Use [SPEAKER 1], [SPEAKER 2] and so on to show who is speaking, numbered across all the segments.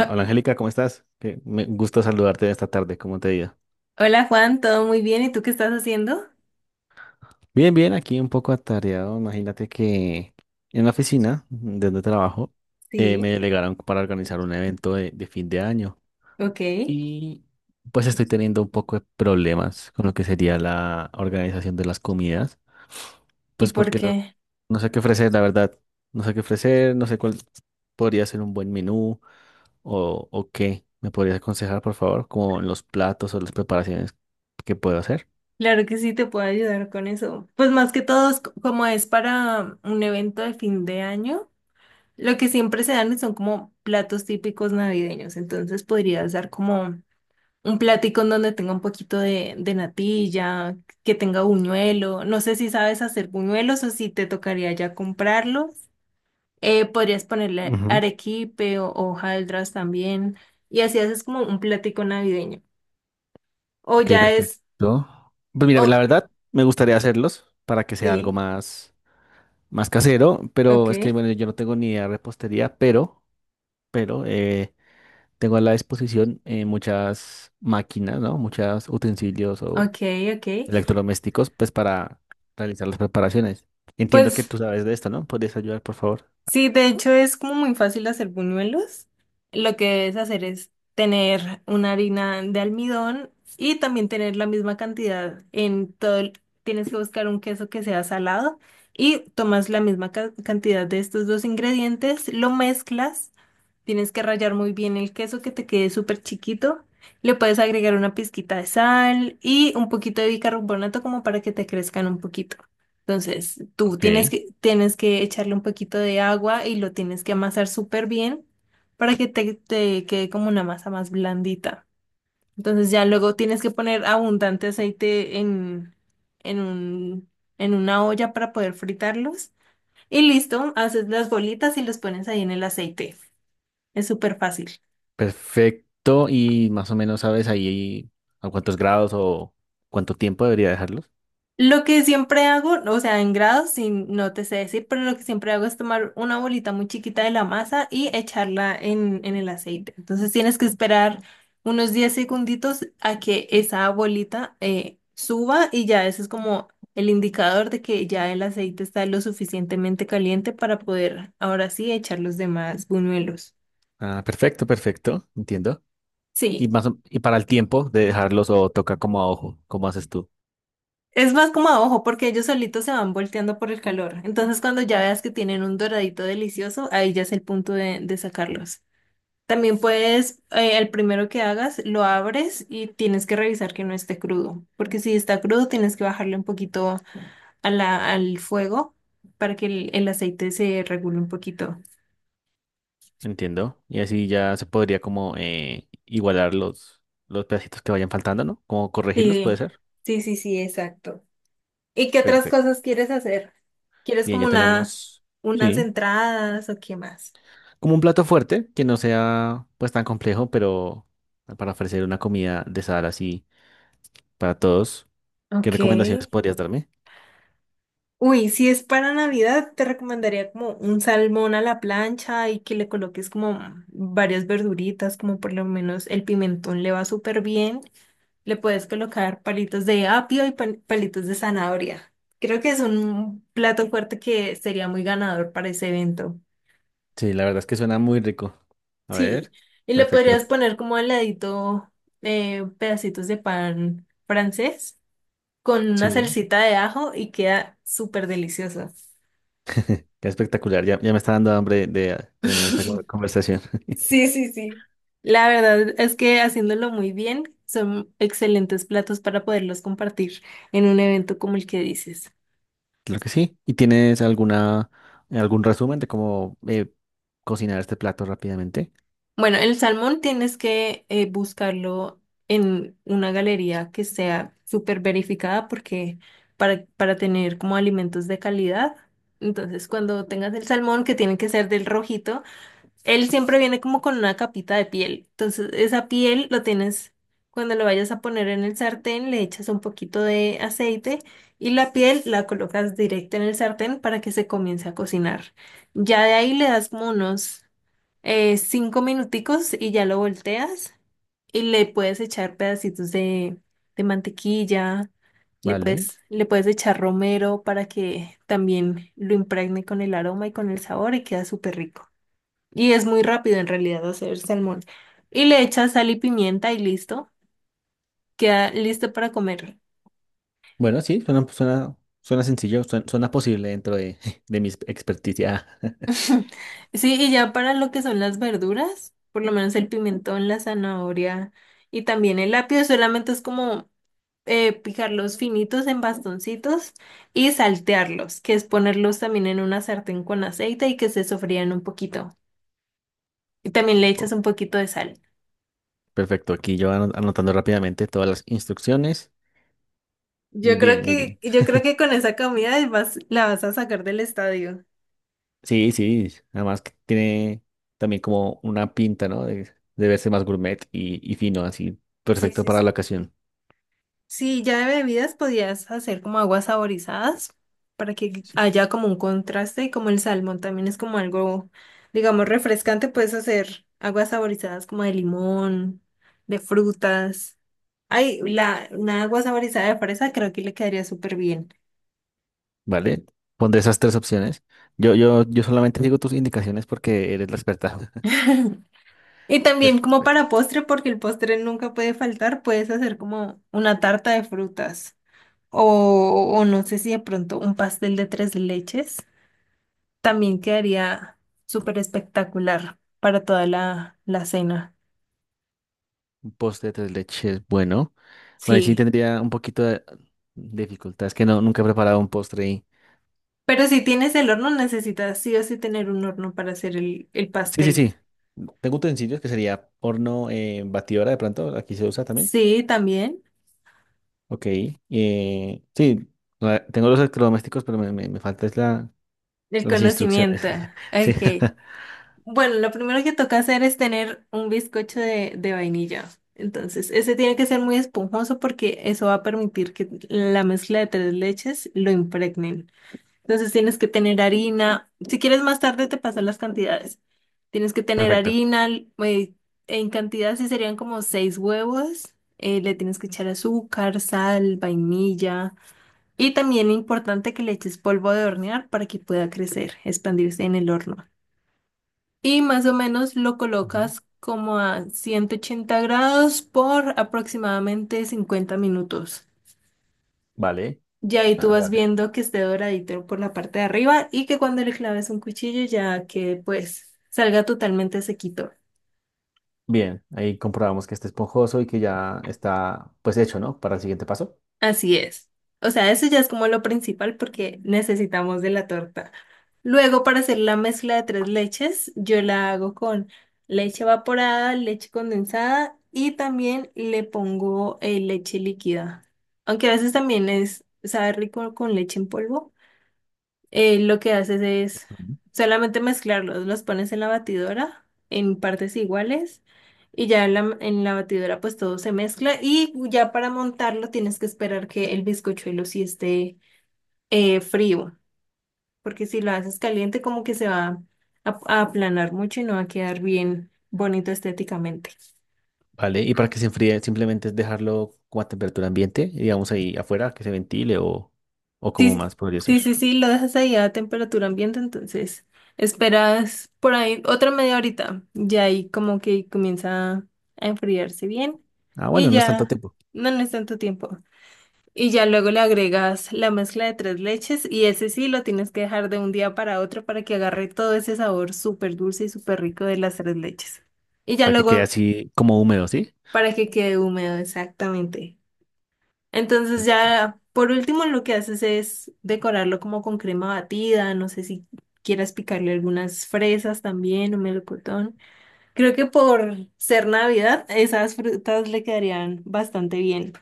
[SPEAKER 1] Ah,
[SPEAKER 2] hola Angélica, ¿cómo estás? Que me gusta saludarte esta tarde, ¿cómo te ha ido?
[SPEAKER 1] hola Juan, todo muy bien. ¿Y tú qué estás haciendo?
[SPEAKER 2] Bien, bien, aquí un poco atareado. Imagínate que en la oficina de donde trabajo, me
[SPEAKER 1] Sí.
[SPEAKER 2] delegaron para organizar un evento de fin de año
[SPEAKER 1] Ok.
[SPEAKER 2] y pues estoy teniendo un poco de problemas con lo que sería la organización de las comidas,
[SPEAKER 1] ¿Y
[SPEAKER 2] pues
[SPEAKER 1] por
[SPEAKER 2] porque no,
[SPEAKER 1] qué?
[SPEAKER 2] no sé qué ofrecer, la verdad, no sé qué ofrecer, no sé cuál podría ser un buen menú. O qué me podrías aconsejar, por favor, como en los platos o las preparaciones que puedo hacer.
[SPEAKER 1] Claro que sí, te puedo ayudar con eso. Pues más que todo, como es para un evento de fin de año, lo que siempre se dan son como platos típicos navideños. Entonces podrías dar como un platico en donde tenga un poquito de natilla, que tenga buñuelo. No sé si sabes hacer buñuelos o si te tocaría ya comprarlos. Podrías ponerle
[SPEAKER 2] Ujú.
[SPEAKER 1] arequipe o hojaldras también. Y así haces como un platico navideño. O
[SPEAKER 2] Ok,
[SPEAKER 1] ya es.
[SPEAKER 2] perfecto. Pues mira,
[SPEAKER 1] Oh,
[SPEAKER 2] la verdad, me gustaría hacerlos para que sea algo
[SPEAKER 1] sí,
[SPEAKER 2] más, más casero,
[SPEAKER 1] ok,
[SPEAKER 2] pero es que, bueno, yo no tengo ni idea de repostería, pero, pero tengo a la disposición, muchas máquinas, ¿no? Muchos utensilios o
[SPEAKER 1] ok, ok.
[SPEAKER 2] electrodomésticos, pues para realizar las preparaciones. Entiendo que
[SPEAKER 1] Pues,
[SPEAKER 2] tú sabes de esto, ¿no? ¿Podrías ayudar, por favor?
[SPEAKER 1] sí, de hecho es como muy fácil hacer buñuelos. Lo que debes hacer es tener una harina de almidón y también tener la misma cantidad en todo el- Tienes que buscar un queso que sea salado y tomas la misma cantidad de estos dos ingredientes, lo mezclas, tienes que rallar muy bien el queso que te quede súper chiquito, le puedes agregar una pizquita de sal y un poquito de bicarbonato como para que te crezcan un poquito. Entonces, tú
[SPEAKER 2] Ok.
[SPEAKER 1] tienes que echarle un poquito de agua y lo tienes que amasar súper bien para que te quede como una masa más blandita. Entonces, ya luego tienes que poner abundante aceite en un, en una olla para poder fritarlos. Y listo, haces las bolitas y los pones ahí en el aceite. Es súper fácil.
[SPEAKER 2] Perfecto. Y más o menos sabes ahí a cuántos grados o cuánto tiempo debería dejarlos.
[SPEAKER 1] Lo que siempre hago, o sea, en grados, sí, no te sé decir, pero lo que siempre hago es tomar una bolita muy chiquita de la masa y echarla en el aceite. Entonces tienes que esperar unos 10 segunditos a que esa bolita suba y ya ese es como el indicador de que ya el aceite está lo suficientemente caliente para poder ahora sí echar los demás buñuelos.
[SPEAKER 2] Ah, perfecto, perfecto. Entiendo.
[SPEAKER 1] Sí,
[SPEAKER 2] Y para el tiempo de dejarlos o toca como a ojo, cómo haces tú.
[SPEAKER 1] es más como a ojo, porque ellos solitos se van volteando por el calor. Entonces, cuando ya veas que tienen un doradito delicioso, ahí ya es el punto de sacarlos. También puedes, el primero que hagas, lo abres y tienes que revisar que no esté crudo, porque si está crudo, tienes que bajarle un poquito a la, al fuego para que el aceite se regule un poquito.
[SPEAKER 2] Entiendo. Y así ya se podría como, igualar los pedacitos que vayan faltando, ¿no? Como corregirlos,
[SPEAKER 1] Sí,
[SPEAKER 2] puede ser.
[SPEAKER 1] sí, sí, sí, exacto. ¿Y qué otras
[SPEAKER 2] Perfecto.
[SPEAKER 1] cosas quieres hacer? ¿Quieres
[SPEAKER 2] Bien,
[SPEAKER 1] como
[SPEAKER 2] ya
[SPEAKER 1] una,
[SPEAKER 2] tenemos,
[SPEAKER 1] unas
[SPEAKER 2] sí,
[SPEAKER 1] entradas o qué más?
[SPEAKER 2] como un plato fuerte que no sea pues tan complejo, pero para ofrecer una comida de sal así para todos. ¿Qué
[SPEAKER 1] Ok.
[SPEAKER 2] recomendaciones podrías darme?
[SPEAKER 1] Uy, si es para Navidad, te recomendaría como un salmón a la plancha y que le coloques como varias verduritas, como por lo menos el pimentón le va súper bien. Le puedes colocar palitos de apio y palitos de zanahoria. Creo que es un plato fuerte que sería muy ganador para ese evento.
[SPEAKER 2] Sí, la verdad es que suena muy rico. A
[SPEAKER 1] Sí,
[SPEAKER 2] ver,
[SPEAKER 1] y le podrías
[SPEAKER 2] perfecto.
[SPEAKER 1] poner como al ladito pedacitos de pan francés con una
[SPEAKER 2] Sí,
[SPEAKER 1] salsita de ajo y queda súper delicioso.
[SPEAKER 2] qué espectacular. Ya, ya me está dando hambre de tener esta conversación.
[SPEAKER 1] Sí, sí, sí. La verdad es que haciéndolo muy bien son excelentes platos para poderlos compartir en un evento como el que dices.
[SPEAKER 2] Claro que sí. ¿Y tienes alguna, algún resumen de cómo, cocinar este plato rápidamente?
[SPEAKER 1] Bueno, el salmón tienes que buscarlo en una galería que sea súper verificada porque para tener como alimentos de calidad. Entonces, cuando tengas el salmón, que tiene que ser del rojito, él siempre viene como con una capita de piel. Entonces, esa piel lo tienes, cuando lo vayas a poner en el sartén, le echas un poquito de aceite y la piel la colocas directa en el sartén para que se comience a cocinar. Ya de ahí le das como unos 5 minuticos y ya lo volteas y le puedes echar pedacitos de mantequilla,
[SPEAKER 2] Vale.
[SPEAKER 1] le puedes echar romero para que también lo impregne con el aroma y con el sabor y queda súper rico. Y es muy rápido en realidad hacer salmón. Y le echas sal y pimienta y listo. Queda listo para comer.
[SPEAKER 2] Bueno, sí, suena, suena sencillo, suena posible dentro de, de mi experticia.
[SPEAKER 1] Sí, y ya para lo que son las verduras, por lo menos el pimentón, la zanahoria y también el apio, solamente es como picarlos finitos en bastoncitos y saltearlos, que es ponerlos también en una sartén con aceite y que se sofrían un poquito. Y también le echas un poquito de sal.
[SPEAKER 2] Perfecto, aquí yo anotando rápidamente todas las instrucciones. Muy
[SPEAKER 1] Yo creo
[SPEAKER 2] bien, muy
[SPEAKER 1] que,
[SPEAKER 2] bien.
[SPEAKER 1] yo creo que con esa comida vas, la vas a sacar del estadio.
[SPEAKER 2] Sí, sí, además que tiene también como una pinta, ¿no? De verse más gourmet y fino, así,
[SPEAKER 1] Sí,
[SPEAKER 2] perfecto
[SPEAKER 1] sí,
[SPEAKER 2] para la
[SPEAKER 1] sí.
[SPEAKER 2] ocasión.
[SPEAKER 1] Sí, ya de bebidas podías hacer como aguas saborizadas para que
[SPEAKER 2] Sí.
[SPEAKER 1] haya como un contraste y como el salmón también es como algo, digamos, refrescante, puedes hacer aguas saborizadas como de limón, de frutas. Ay, la, una agua saborizada de fresa creo que le quedaría súper bien.
[SPEAKER 2] ¿Vale? Pondré esas tres opciones. Yo solamente digo tus indicaciones porque eres la experta.
[SPEAKER 1] Y también como para
[SPEAKER 2] Perfecto.
[SPEAKER 1] postre, porque el postre nunca puede faltar, puedes hacer como una tarta de frutas o no sé si de pronto un pastel de tres leches. También quedaría súper espectacular para toda la cena.
[SPEAKER 2] Un postre de tres leches, bueno. Bueno, ahí sí
[SPEAKER 1] Sí.
[SPEAKER 2] tendría un poquito de dificultad, es que no, nunca he preparado un postre y…
[SPEAKER 1] Pero si tienes el horno, necesitas sí o sí tener un horno para hacer el
[SPEAKER 2] Sí, sí,
[SPEAKER 1] pastel.
[SPEAKER 2] sí. Tengo utensilios que sería horno, batidora de pronto, aquí se usa también.
[SPEAKER 1] Sí, también.
[SPEAKER 2] Ok, sí, tengo los electrodomésticos, pero me falta es la,
[SPEAKER 1] El
[SPEAKER 2] las instrucciones.
[SPEAKER 1] conocimiento.
[SPEAKER 2] Sí,
[SPEAKER 1] Ok. Bueno, lo primero que toca hacer es tener un bizcocho de vainilla. Entonces, ese tiene que ser muy esponjoso porque eso va a permitir que la mezcla de tres leches lo impregnen. Entonces tienes que tener harina. Si quieres más tarde te paso las cantidades. Tienes que tener
[SPEAKER 2] perfecto.
[SPEAKER 1] harina, en cantidad sí serían como seis huevos. Le tienes que echar azúcar, sal, vainilla. Y también importante que le eches polvo de hornear para que pueda crecer, expandirse en el horno. Y más o menos lo
[SPEAKER 2] Ujú.
[SPEAKER 1] colocas como a 180 grados por aproximadamente 50 minutos.
[SPEAKER 2] Vale,
[SPEAKER 1] Ya ahí tú
[SPEAKER 2] ah,
[SPEAKER 1] vas
[SPEAKER 2] vale.
[SPEAKER 1] viendo que esté doradito por la parte de arriba y que cuando le claves un cuchillo ya que pues salga totalmente sequito.
[SPEAKER 2] Bien, ahí comprobamos que está esponjoso y que ya está pues hecho, ¿no? Para el siguiente paso.
[SPEAKER 1] Así es. O sea, eso ya es como lo principal porque necesitamos de la torta. Luego, para hacer la mezcla de tres leches, yo la hago con leche evaporada, leche condensada y también le pongo leche líquida. Aunque a veces también es, sabe rico con leche en polvo. Lo que haces es
[SPEAKER 2] Ujú.
[SPEAKER 1] solamente mezclarlos, los pones en la batidora en partes iguales y ya en la batidora pues todo se mezcla y ya para montarlo tienes que esperar que el bizcochuelo sí esté frío, porque si lo haces caliente como que se va a aplanar mucho y no va a quedar bien bonito estéticamente.
[SPEAKER 2] Vale, y para que se enfríe simplemente es dejarlo como a temperatura ambiente, digamos ahí afuera, que se ventile o como
[SPEAKER 1] Sí,
[SPEAKER 2] más podría ser.
[SPEAKER 1] sí, sí, sí, lo dejas ahí a temperatura ambiente, entonces esperas por ahí otra media horita ya ahí como que comienza a enfriarse bien
[SPEAKER 2] Ah,
[SPEAKER 1] y
[SPEAKER 2] bueno, no es tanto
[SPEAKER 1] ya
[SPEAKER 2] tiempo,
[SPEAKER 1] no, no es tanto tiempo. Y ya luego le agregas la mezcla de tres leches y ese sí lo tienes que dejar de un día para otro para que agarre todo ese sabor súper dulce y súper rico de las tres leches. Y ya
[SPEAKER 2] para que quede
[SPEAKER 1] luego
[SPEAKER 2] así como húmedo, ¿sí?
[SPEAKER 1] para que quede húmedo, exactamente. Entonces ya, por último, lo que haces es decorarlo como con crema batida, no sé si quieras picarle algunas fresas también o melocotón. Creo que por ser Navidad, esas frutas le quedarían bastante bien.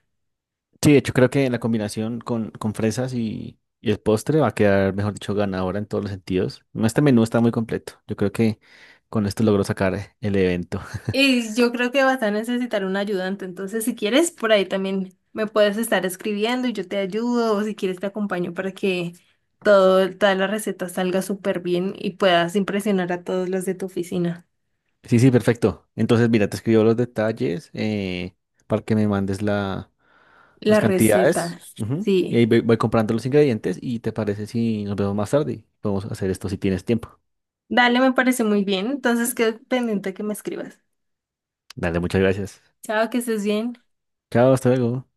[SPEAKER 2] Sí, de hecho creo que la combinación con fresas y el postre va a quedar, mejor dicho, ganadora en todos los sentidos. No, este menú está muy completo. Yo creo que con esto logro sacar el evento.
[SPEAKER 1] Y yo creo que vas a necesitar un ayudante, entonces si quieres, por ahí también me puedes estar escribiendo y yo te ayudo, o si quieres te acompaño para que todo, toda la receta salga súper bien y puedas impresionar a todos los de tu oficina.
[SPEAKER 2] Sí, sí, perfecto. Entonces, mira, te escribo los detalles, para que me mandes la, las
[SPEAKER 1] La receta,
[SPEAKER 2] cantidades. Ujú. Y
[SPEAKER 1] sí.
[SPEAKER 2] ahí voy, voy comprando los ingredientes y te parece si nos vemos más tarde. Podemos hacer esto si tienes tiempo.
[SPEAKER 1] Dale, me parece muy bien. Entonces quedo pendiente que me escribas.
[SPEAKER 2] Dale, muchas gracias.
[SPEAKER 1] Chao, que estés bien.
[SPEAKER 2] Chao, hasta luego.